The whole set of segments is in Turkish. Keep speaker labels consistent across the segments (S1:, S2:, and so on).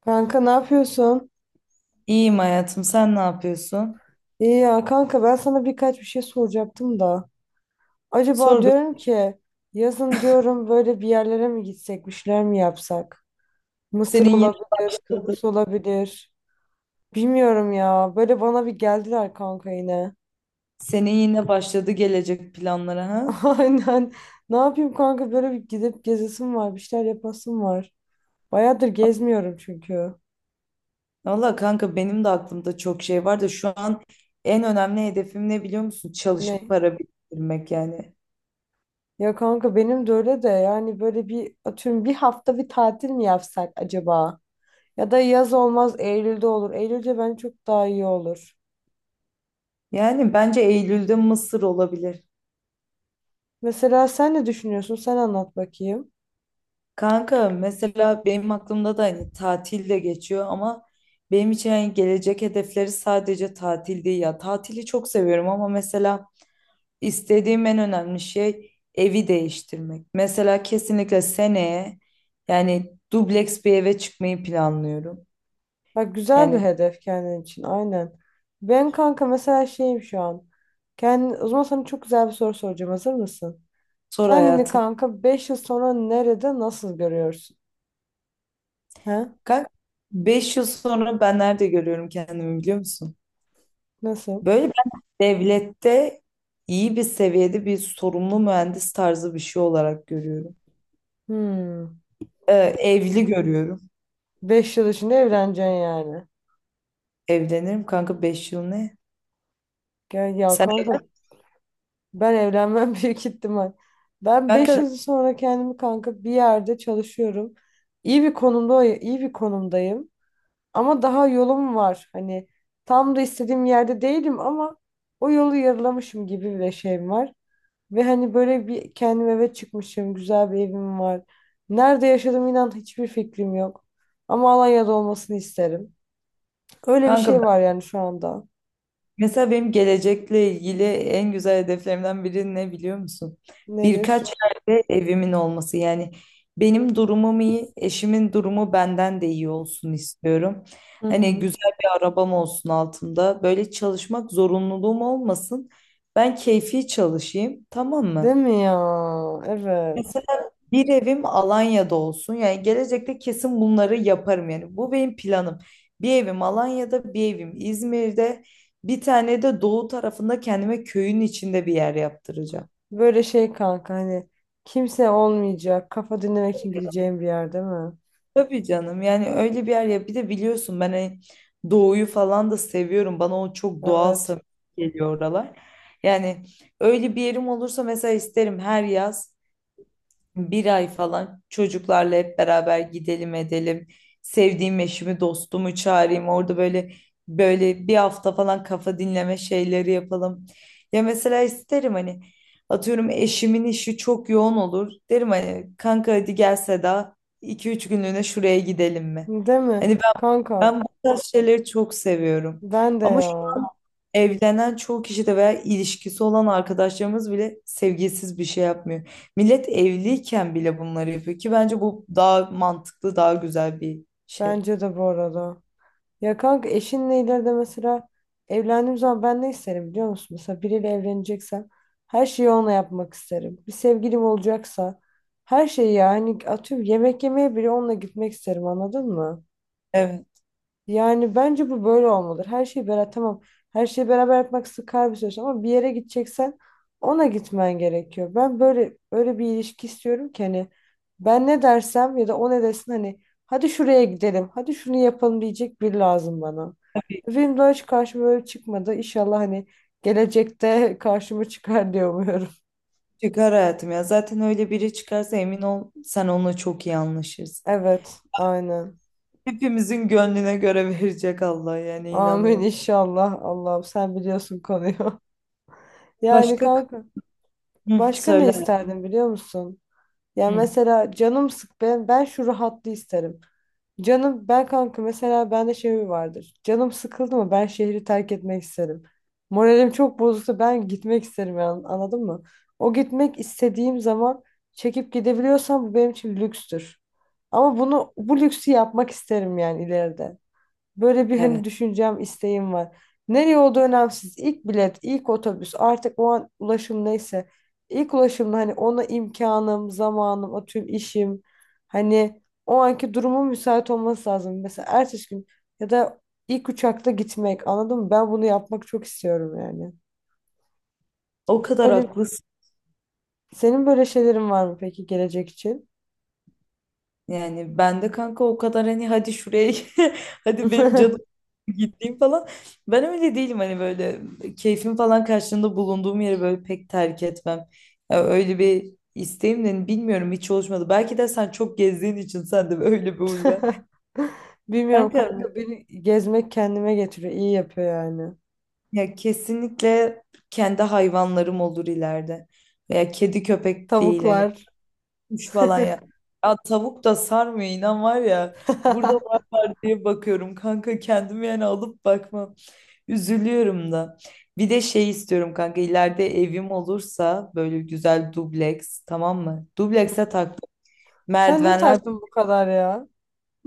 S1: Kanka ne yapıyorsun?
S2: İyiyim hayatım. Sen ne yapıyorsun?
S1: İyi ya kanka ben sana bir şey soracaktım da. Acaba
S2: Sor bir.
S1: diyorum ki yazın diyorum böyle bir yerlere mi gitsek, bir şeyler mi yapsak? Mısır
S2: Senin yine
S1: olabilir,
S2: başladı.
S1: Kıbrıs olabilir. Bilmiyorum ya. Böyle bana bir geldiler kanka yine.
S2: Senin yine başladı gelecek planlara ha?
S1: Aynen. Ne yapayım kanka böyle bir gidip gezesim var, bir şeyler yapasım var. Bayağıdır gezmiyorum çünkü.
S2: Valla kanka benim de aklımda çok şey var da şu an en önemli hedefim ne biliyor musun? Çalışıp
S1: Ne?
S2: para biriktirmek yani.
S1: Ya kanka benim de öyle de yani böyle bir atıyorum bir hafta bir tatil mi yapsak acaba? Ya da yaz olmaz, Eylül'de olur. Eylül'de bence çok daha iyi olur.
S2: Yani bence Eylül'de Mısır olabilir.
S1: Mesela sen ne düşünüyorsun? Sen anlat bakayım.
S2: Kanka mesela benim aklımda da hani tatil de geçiyor ama benim için hani gelecek hedefleri sadece tatil değil ya. Tatili çok seviyorum ama mesela İstediğim en önemli şey evi değiştirmek. Mesela kesinlikle seneye yani dubleks bir eve çıkmayı planlıyorum.
S1: Bak, güzel bir
S2: Yani
S1: hedef kendin için, aynen. Ben kanka mesela şeyim şu an. Kendi, o zaman sana çok güzel bir soru soracağım. Hazır mısın?
S2: sor
S1: Kendini
S2: hayatım.
S1: kanka 5 yıl sonra nerede nasıl görüyorsun? He?
S2: Kalk. Beş yıl sonra ben nerede görüyorum kendimi biliyor musun?
S1: Nasıl?
S2: Böyle ben devlette iyi bir seviyede bir sorumlu mühendis tarzı bir şey olarak görüyorum.
S1: Hmm.
S2: Evli görüyorum.
S1: 5 yıl içinde evleneceksin yani.
S2: Evlenirim kanka 5 yıl ne?
S1: Gel ya
S2: Sen
S1: kanka. Ben evlenmem büyük ihtimal. Ben 5
S2: kanka
S1: yıl sonra kendimi kanka bir yerde çalışıyorum. İyi bir konumda, iyi bir konumdayım. Ama daha yolum var. Hani tam da istediğim yerde değilim ama o yolu yarılamışım gibi bir şeyim var. Ve hani böyle bir kendim eve çıkmışım. Güzel bir evim var. Nerede yaşadığım, inan, hiçbir fikrim yok. Ama Alanya'da olmasını isterim. Öyle bir
S2: kanka
S1: şey var yani şu anda.
S2: mesela benim gelecekle ilgili en güzel hedeflerimden biri ne biliyor musun? Birkaç
S1: Nedir?
S2: yerde evimin olması. Yani benim durumum iyi, eşimin durumu benden de iyi olsun istiyorum.
S1: Hı
S2: Hani
S1: hı.
S2: güzel bir arabam olsun altında. Böyle çalışmak zorunluluğum olmasın. Ben keyfi çalışayım, tamam
S1: Değil
S2: mı?
S1: mi ya? Evet.
S2: Bir evim Alanya'da olsun. Yani gelecekte kesin bunları yaparım yani. Bu benim planım. Bir evim Alanya'da, bir evim İzmir'de, bir tane de doğu tarafında kendime köyün içinde bir yer yaptıracağım.
S1: Böyle şey kanka, hani kimse olmayacak. Kafa dinlemek için gideceğim bir yer, değil mi?
S2: Tabii canım yani öyle bir yer ya. Bir de biliyorsun ben hani doğuyu falan da seviyorum. Bana o çok doğal
S1: Evet.
S2: samimi geliyor oralar. Yani öyle bir yerim olursa mesela isterim her yaz bir ay falan çocuklarla hep beraber gidelim edelim. Sevdiğim eşimi, dostumu çağırayım. Orada böyle bir hafta falan kafa dinleme şeyleri yapalım. Ya mesela isterim hani atıyorum eşimin işi çok yoğun olur. Derim hani kanka hadi gel Seda, 2-3 günlüğüne şuraya gidelim mi?
S1: Değil mi?
S2: Hani ben
S1: Kanka,
S2: ben bu tarz şeyleri çok seviyorum.
S1: ben de
S2: Ama şu
S1: ya.
S2: evlenen çoğu kişi de veya ilişkisi olan arkadaşlarımız bile sevgisiz bir şey yapmıyor. Millet evliyken bile bunları yapıyor ki bence bu daha mantıklı, daha güzel bir şey.
S1: Bence de bu arada. Ya kanka, eşinle ileride mesela evlendiğim zaman ben ne isterim biliyor musun? Mesela biriyle evleneceksem her şeyi onunla yapmak isterim. Bir sevgilim olacaksa her şeyi, yani atıyorum, yemek yemeye bile onunla gitmek isterim, anladın mı?
S2: Evet.
S1: Yani bence bu böyle olmalıdır. Her şeyi beraber, tamam. Her şeyi beraber yapmak sıkar bir süreç ama bir yere gideceksen ona gitmen gerekiyor. Ben böyle öyle bir ilişki istiyorum ki hani ben ne dersem ya da o ne desin, hani hadi şuraya gidelim, hadi şunu yapalım diyecek biri lazım bana. Benim daha hiç karşıma böyle çıkmadı. İnşallah hani gelecekte karşıma çıkar diye umuyorum.
S2: Çıkar hayatım ya. Zaten öyle biri çıkarsa emin ol sen onunla çok iyi anlaşırsın.
S1: Evet, aynen.
S2: Hepimizin gönlüne göre verecek Allah yani
S1: Amin
S2: inanıyorum.
S1: inşallah. Allah'ım, sen biliyorsun konuyu. Yani
S2: Başka?
S1: kanka
S2: Hı,
S1: başka ne
S2: söyle.
S1: isterdin biliyor musun? Ya
S2: Hı,
S1: mesela canım sık, ben şu rahatlığı isterim. Canım, ben kanka mesela bende şey mi vardır. Canım sıkıldı mı ben şehri terk etmek isterim. Moralim çok bozulsa ben gitmek isterim yani, anladın mı? O gitmek istediğim zaman çekip gidebiliyorsam bu benim için lükstür. Ama bunu, bu lüksü yapmak isterim yani ileride. Böyle bir hani
S2: evet.
S1: düşüncem, isteğim var. Nereye olduğu önemsiz. İlk bilet, ilk otobüs, artık o an ulaşım neyse. İlk ulaşımda hani ona imkanım, zamanım, atıyorum işim. Hani o anki durumun müsait olması lazım. Mesela ertesi gün ya da ilk uçakta gitmek, anladın mı? Ben bunu yapmak çok istiyorum yani.
S2: O kadar
S1: Böyle,
S2: haklısın.
S1: senin böyle şeylerin var mı peki gelecek için?
S2: Yani ben de kanka o kadar hani hadi şuraya hadi benim canım gittiğim falan. Ben öyle değilim hani böyle keyfim falan karşılığında bulunduğum yeri böyle pek terk etmem. Ya öyle bir isteğim de hani bilmiyorum hiç oluşmadı. Belki de sen çok gezdiğin için sende öyle bir huy var.
S1: Bilmiyorum
S2: Kanka
S1: kanka, beni gezmek kendime getiriyor. İyi yapıyor yani.
S2: ya kesinlikle kendi hayvanlarım olur ileride. Veya kedi köpek değil hani
S1: Tavuklar.
S2: kuş falan ya. Ya tavuk da sarmıyor inan var ya. Burada var var diye bakıyorum kanka kendimi yani alıp bakmam. Üzülüyorum da. Bir de şey istiyorum kanka ileride evim olursa böyle güzel dubleks, tamam mı? Dublekse taktım.
S1: Sen niye
S2: Merdivenler,
S1: taktın bu kadar ya?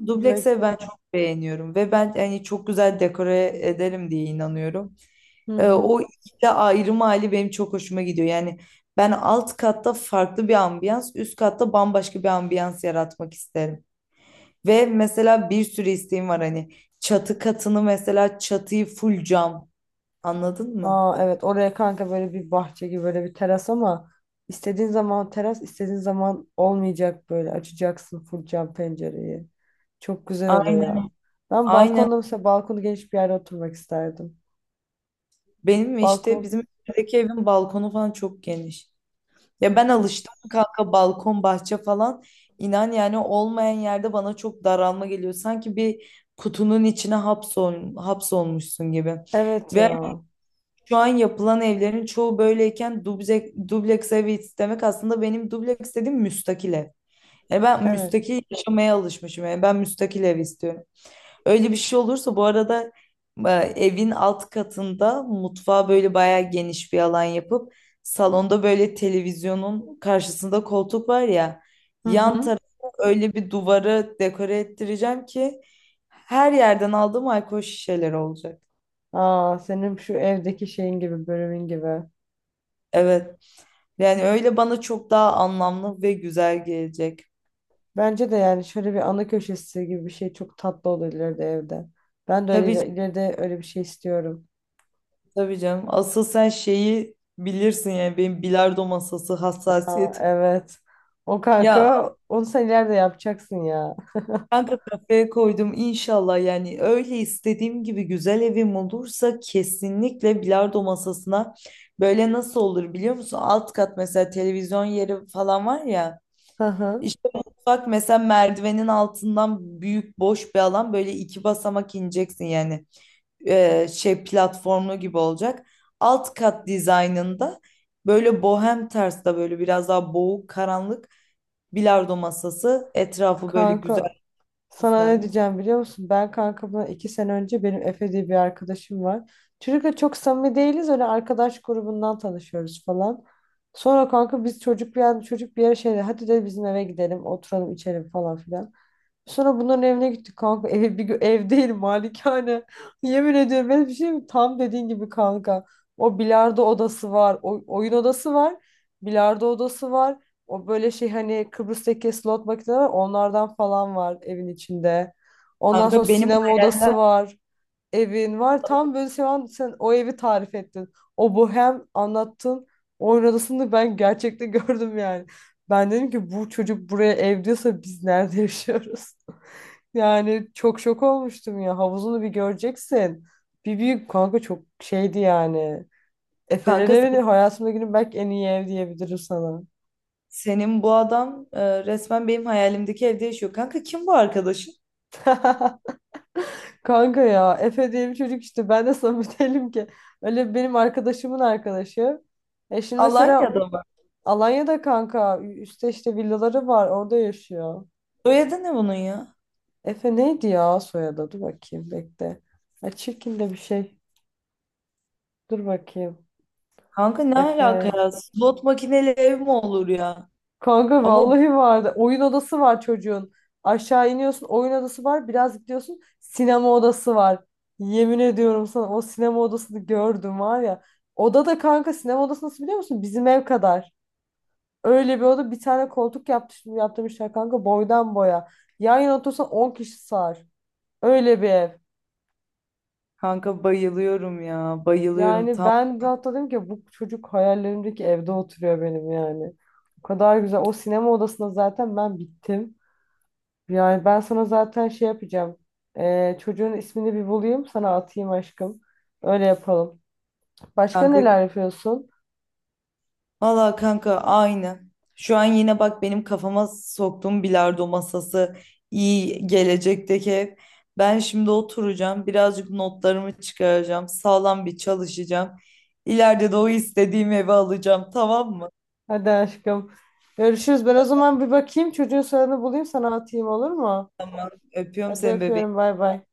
S2: dublekse ben
S1: Komplekse.
S2: çok beğeniyorum ve ben yani çok güzel dekore ederim diye inanıyorum.
S1: Hı hı.
S2: O ikili ayrım hali benim çok hoşuma gidiyor. Yani ben alt katta farklı bir ambiyans, üst katta bambaşka bir ambiyans yaratmak isterim. Ve mesela bir sürü isteğim var hani çatı katını mesela çatıyı full cam, anladın mı?
S1: Aa evet, oraya kanka böyle bir bahçe gibi, böyle bir teras ama istediğin zaman teras, istediğin zaman olmayacak, böyle açacaksın full cam pencereyi. Çok güzel oluyor ya.
S2: Aynen,
S1: Ben
S2: aynen,
S1: balkonda mesela, balkonu geniş bir yerde oturmak isterdim.
S2: benim işte
S1: Balkon,
S2: bizim evdeki evin balkonu falan çok geniş. Ya ben alıştım kanka balkon bahçe falan inan yani olmayan yerde bana çok daralma geliyor. Sanki bir kutunun içine hapsolmuşsun gibi.
S1: evet
S2: Ve
S1: ya.
S2: şu an yapılan evlerin çoğu böyleyken dubleks, evi istemek aslında benim dubleks dediğim müstakil ev. E ben
S1: Evet.
S2: müstakil yaşamaya alışmışım. Yani ben müstakil ev istiyorum. Öyle bir şey olursa bu arada evin alt katında mutfağa böyle bayağı geniş bir alan yapıp salonda böyle televizyonun karşısında koltuk var ya,
S1: Hı
S2: yan
S1: hı.
S2: tarafa öyle bir duvarı dekore ettireceğim ki her yerden aldığım alkol şişeleri olacak.
S1: Aa, senin şu evdeki şeyin gibi, bölümün gibi.
S2: Evet. Yani öyle bana çok daha anlamlı ve güzel gelecek.
S1: Bence de yani şöyle bir ana köşesi gibi bir şey çok tatlı olur ileride evde. Ben de öyle
S2: Tabii canım,
S1: ileride öyle bir şey istiyorum.
S2: tabii canım. Asıl sen şeyi bilirsin yani benim bilardo masası
S1: Aa,
S2: hassasiyetim.
S1: evet. O
S2: Ya
S1: kanka, onu sen ileride yapacaksın ya.
S2: kanka kafaya koydum inşallah yani öyle istediğim gibi güzel evim olursa kesinlikle bilardo masasına böyle nasıl olur biliyor musun? Alt kat mesela televizyon yeri falan var ya,
S1: Hı hı.
S2: işte mutfak mesela merdivenin altından büyük boş bir alan böyle iki basamak ineceksin yani şey, platformlu gibi olacak. Alt kat dizaynında böyle bohem tarzda böyle biraz daha boğuk karanlık, bilardo masası etrafı böyle güzel
S1: Kanka, sana ne
S2: süslenmiş.
S1: diyeceğim biliyor musun? Ben kanka bundan iki sene önce, benim Efe diye bir arkadaşım var. Çocukla çok samimi değiliz. Öyle arkadaş grubundan tanışıyoruz falan. Sonra kanka biz, çocuk bir yer, çocuk bir yere şeyde, hadi de bizim eve gidelim, oturalım içelim falan filan. Sonra bunların evine gittik kanka. Ev, bir, ev değil, malikane. Yemin ediyorum, ben bir şey mi? Tam dediğin gibi kanka. O bilardo odası var. O, oyun odası var. Bilardo odası var. O böyle şey, hani Kıbrıs'taki slot makineleri var. Onlardan falan var evin içinde. Ondan sonra
S2: Kanka benim
S1: sinema
S2: hayalimden,
S1: odası var. Evin var. Tam böyle şu an sen o evi tarif ettin. O bohem anlattın. Oyun odasını ben gerçekten gördüm yani. Ben dedim ki bu çocuk buraya ev diyorsa biz nerede yaşıyoruz? Yani çok şok olmuştum ya. Havuzunu bir göreceksin. Bir büyük kanka, çok şeydi yani. Efe'nin
S2: kanka
S1: evi, hayatımda günün belki en iyi ev diyebilirim sana.
S2: senin bu adam resmen benim hayalimdeki evde yaşıyor. Kanka kim bu arkadaşın?
S1: Kanka ya, Efe diye bir çocuk işte, ben de samimi değilim ki. Öyle benim arkadaşımın arkadaşı. E şimdi mesela
S2: Alanya'da mı?
S1: Alanya'da kanka, üstte işte villaları var, orada yaşıyor.
S2: Soyadı ne bunun ya?
S1: Efe neydi ya soyadı? Dur bakayım, bekle. Ha, çirkin de bir şey. Dur bakayım.
S2: Kanka ne alaka
S1: Efe.
S2: ya? Slot makineli ev mi olur ya?
S1: Kanka
S2: Ama
S1: vallahi vardı. Oyun odası var çocuğun. Aşağı iniyorsun, oyun odası var. Biraz gidiyorsun, sinema odası var. Yemin ediyorum sana, o sinema odasını gördüm var ya. Oda da kanka, sinema odası nasıl biliyor musun? Bizim ev kadar. Öyle bir oda, bir tane koltuk yaptırmışlar kanka boydan boya. Yan yana otursan 10 kişi sığar. Öyle bir ev.
S2: kanka bayılıyorum ya. Bayılıyorum
S1: Yani
S2: tam.
S1: ben de hatta dedim ki bu çocuk hayallerimdeki evde oturuyor benim yani. O kadar güzel. O sinema odasına zaten ben bittim. Yani ben sana zaten şey yapacağım. Çocuğun ismini bir bulayım, sana atayım aşkım. Öyle yapalım. Başka
S2: Kanka,
S1: neler yapıyorsun?
S2: valla kanka aynı. Şu an yine bak benim kafama soktuğum bilardo masası, iyi gelecekteki ev. Ben şimdi oturacağım, birazcık notlarımı çıkaracağım, sağlam bir çalışacağım. İleride de o istediğim evi alacağım, tamam mı?
S1: Hadi aşkım. Görüşürüz. Ben o zaman bir bakayım, çocuğun soyadını bulayım, sana atayım, olur mu?
S2: Öpüyorum
S1: Hadi
S2: seni
S1: öpüyorum,
S2: bebeğim.
S1: bay bay.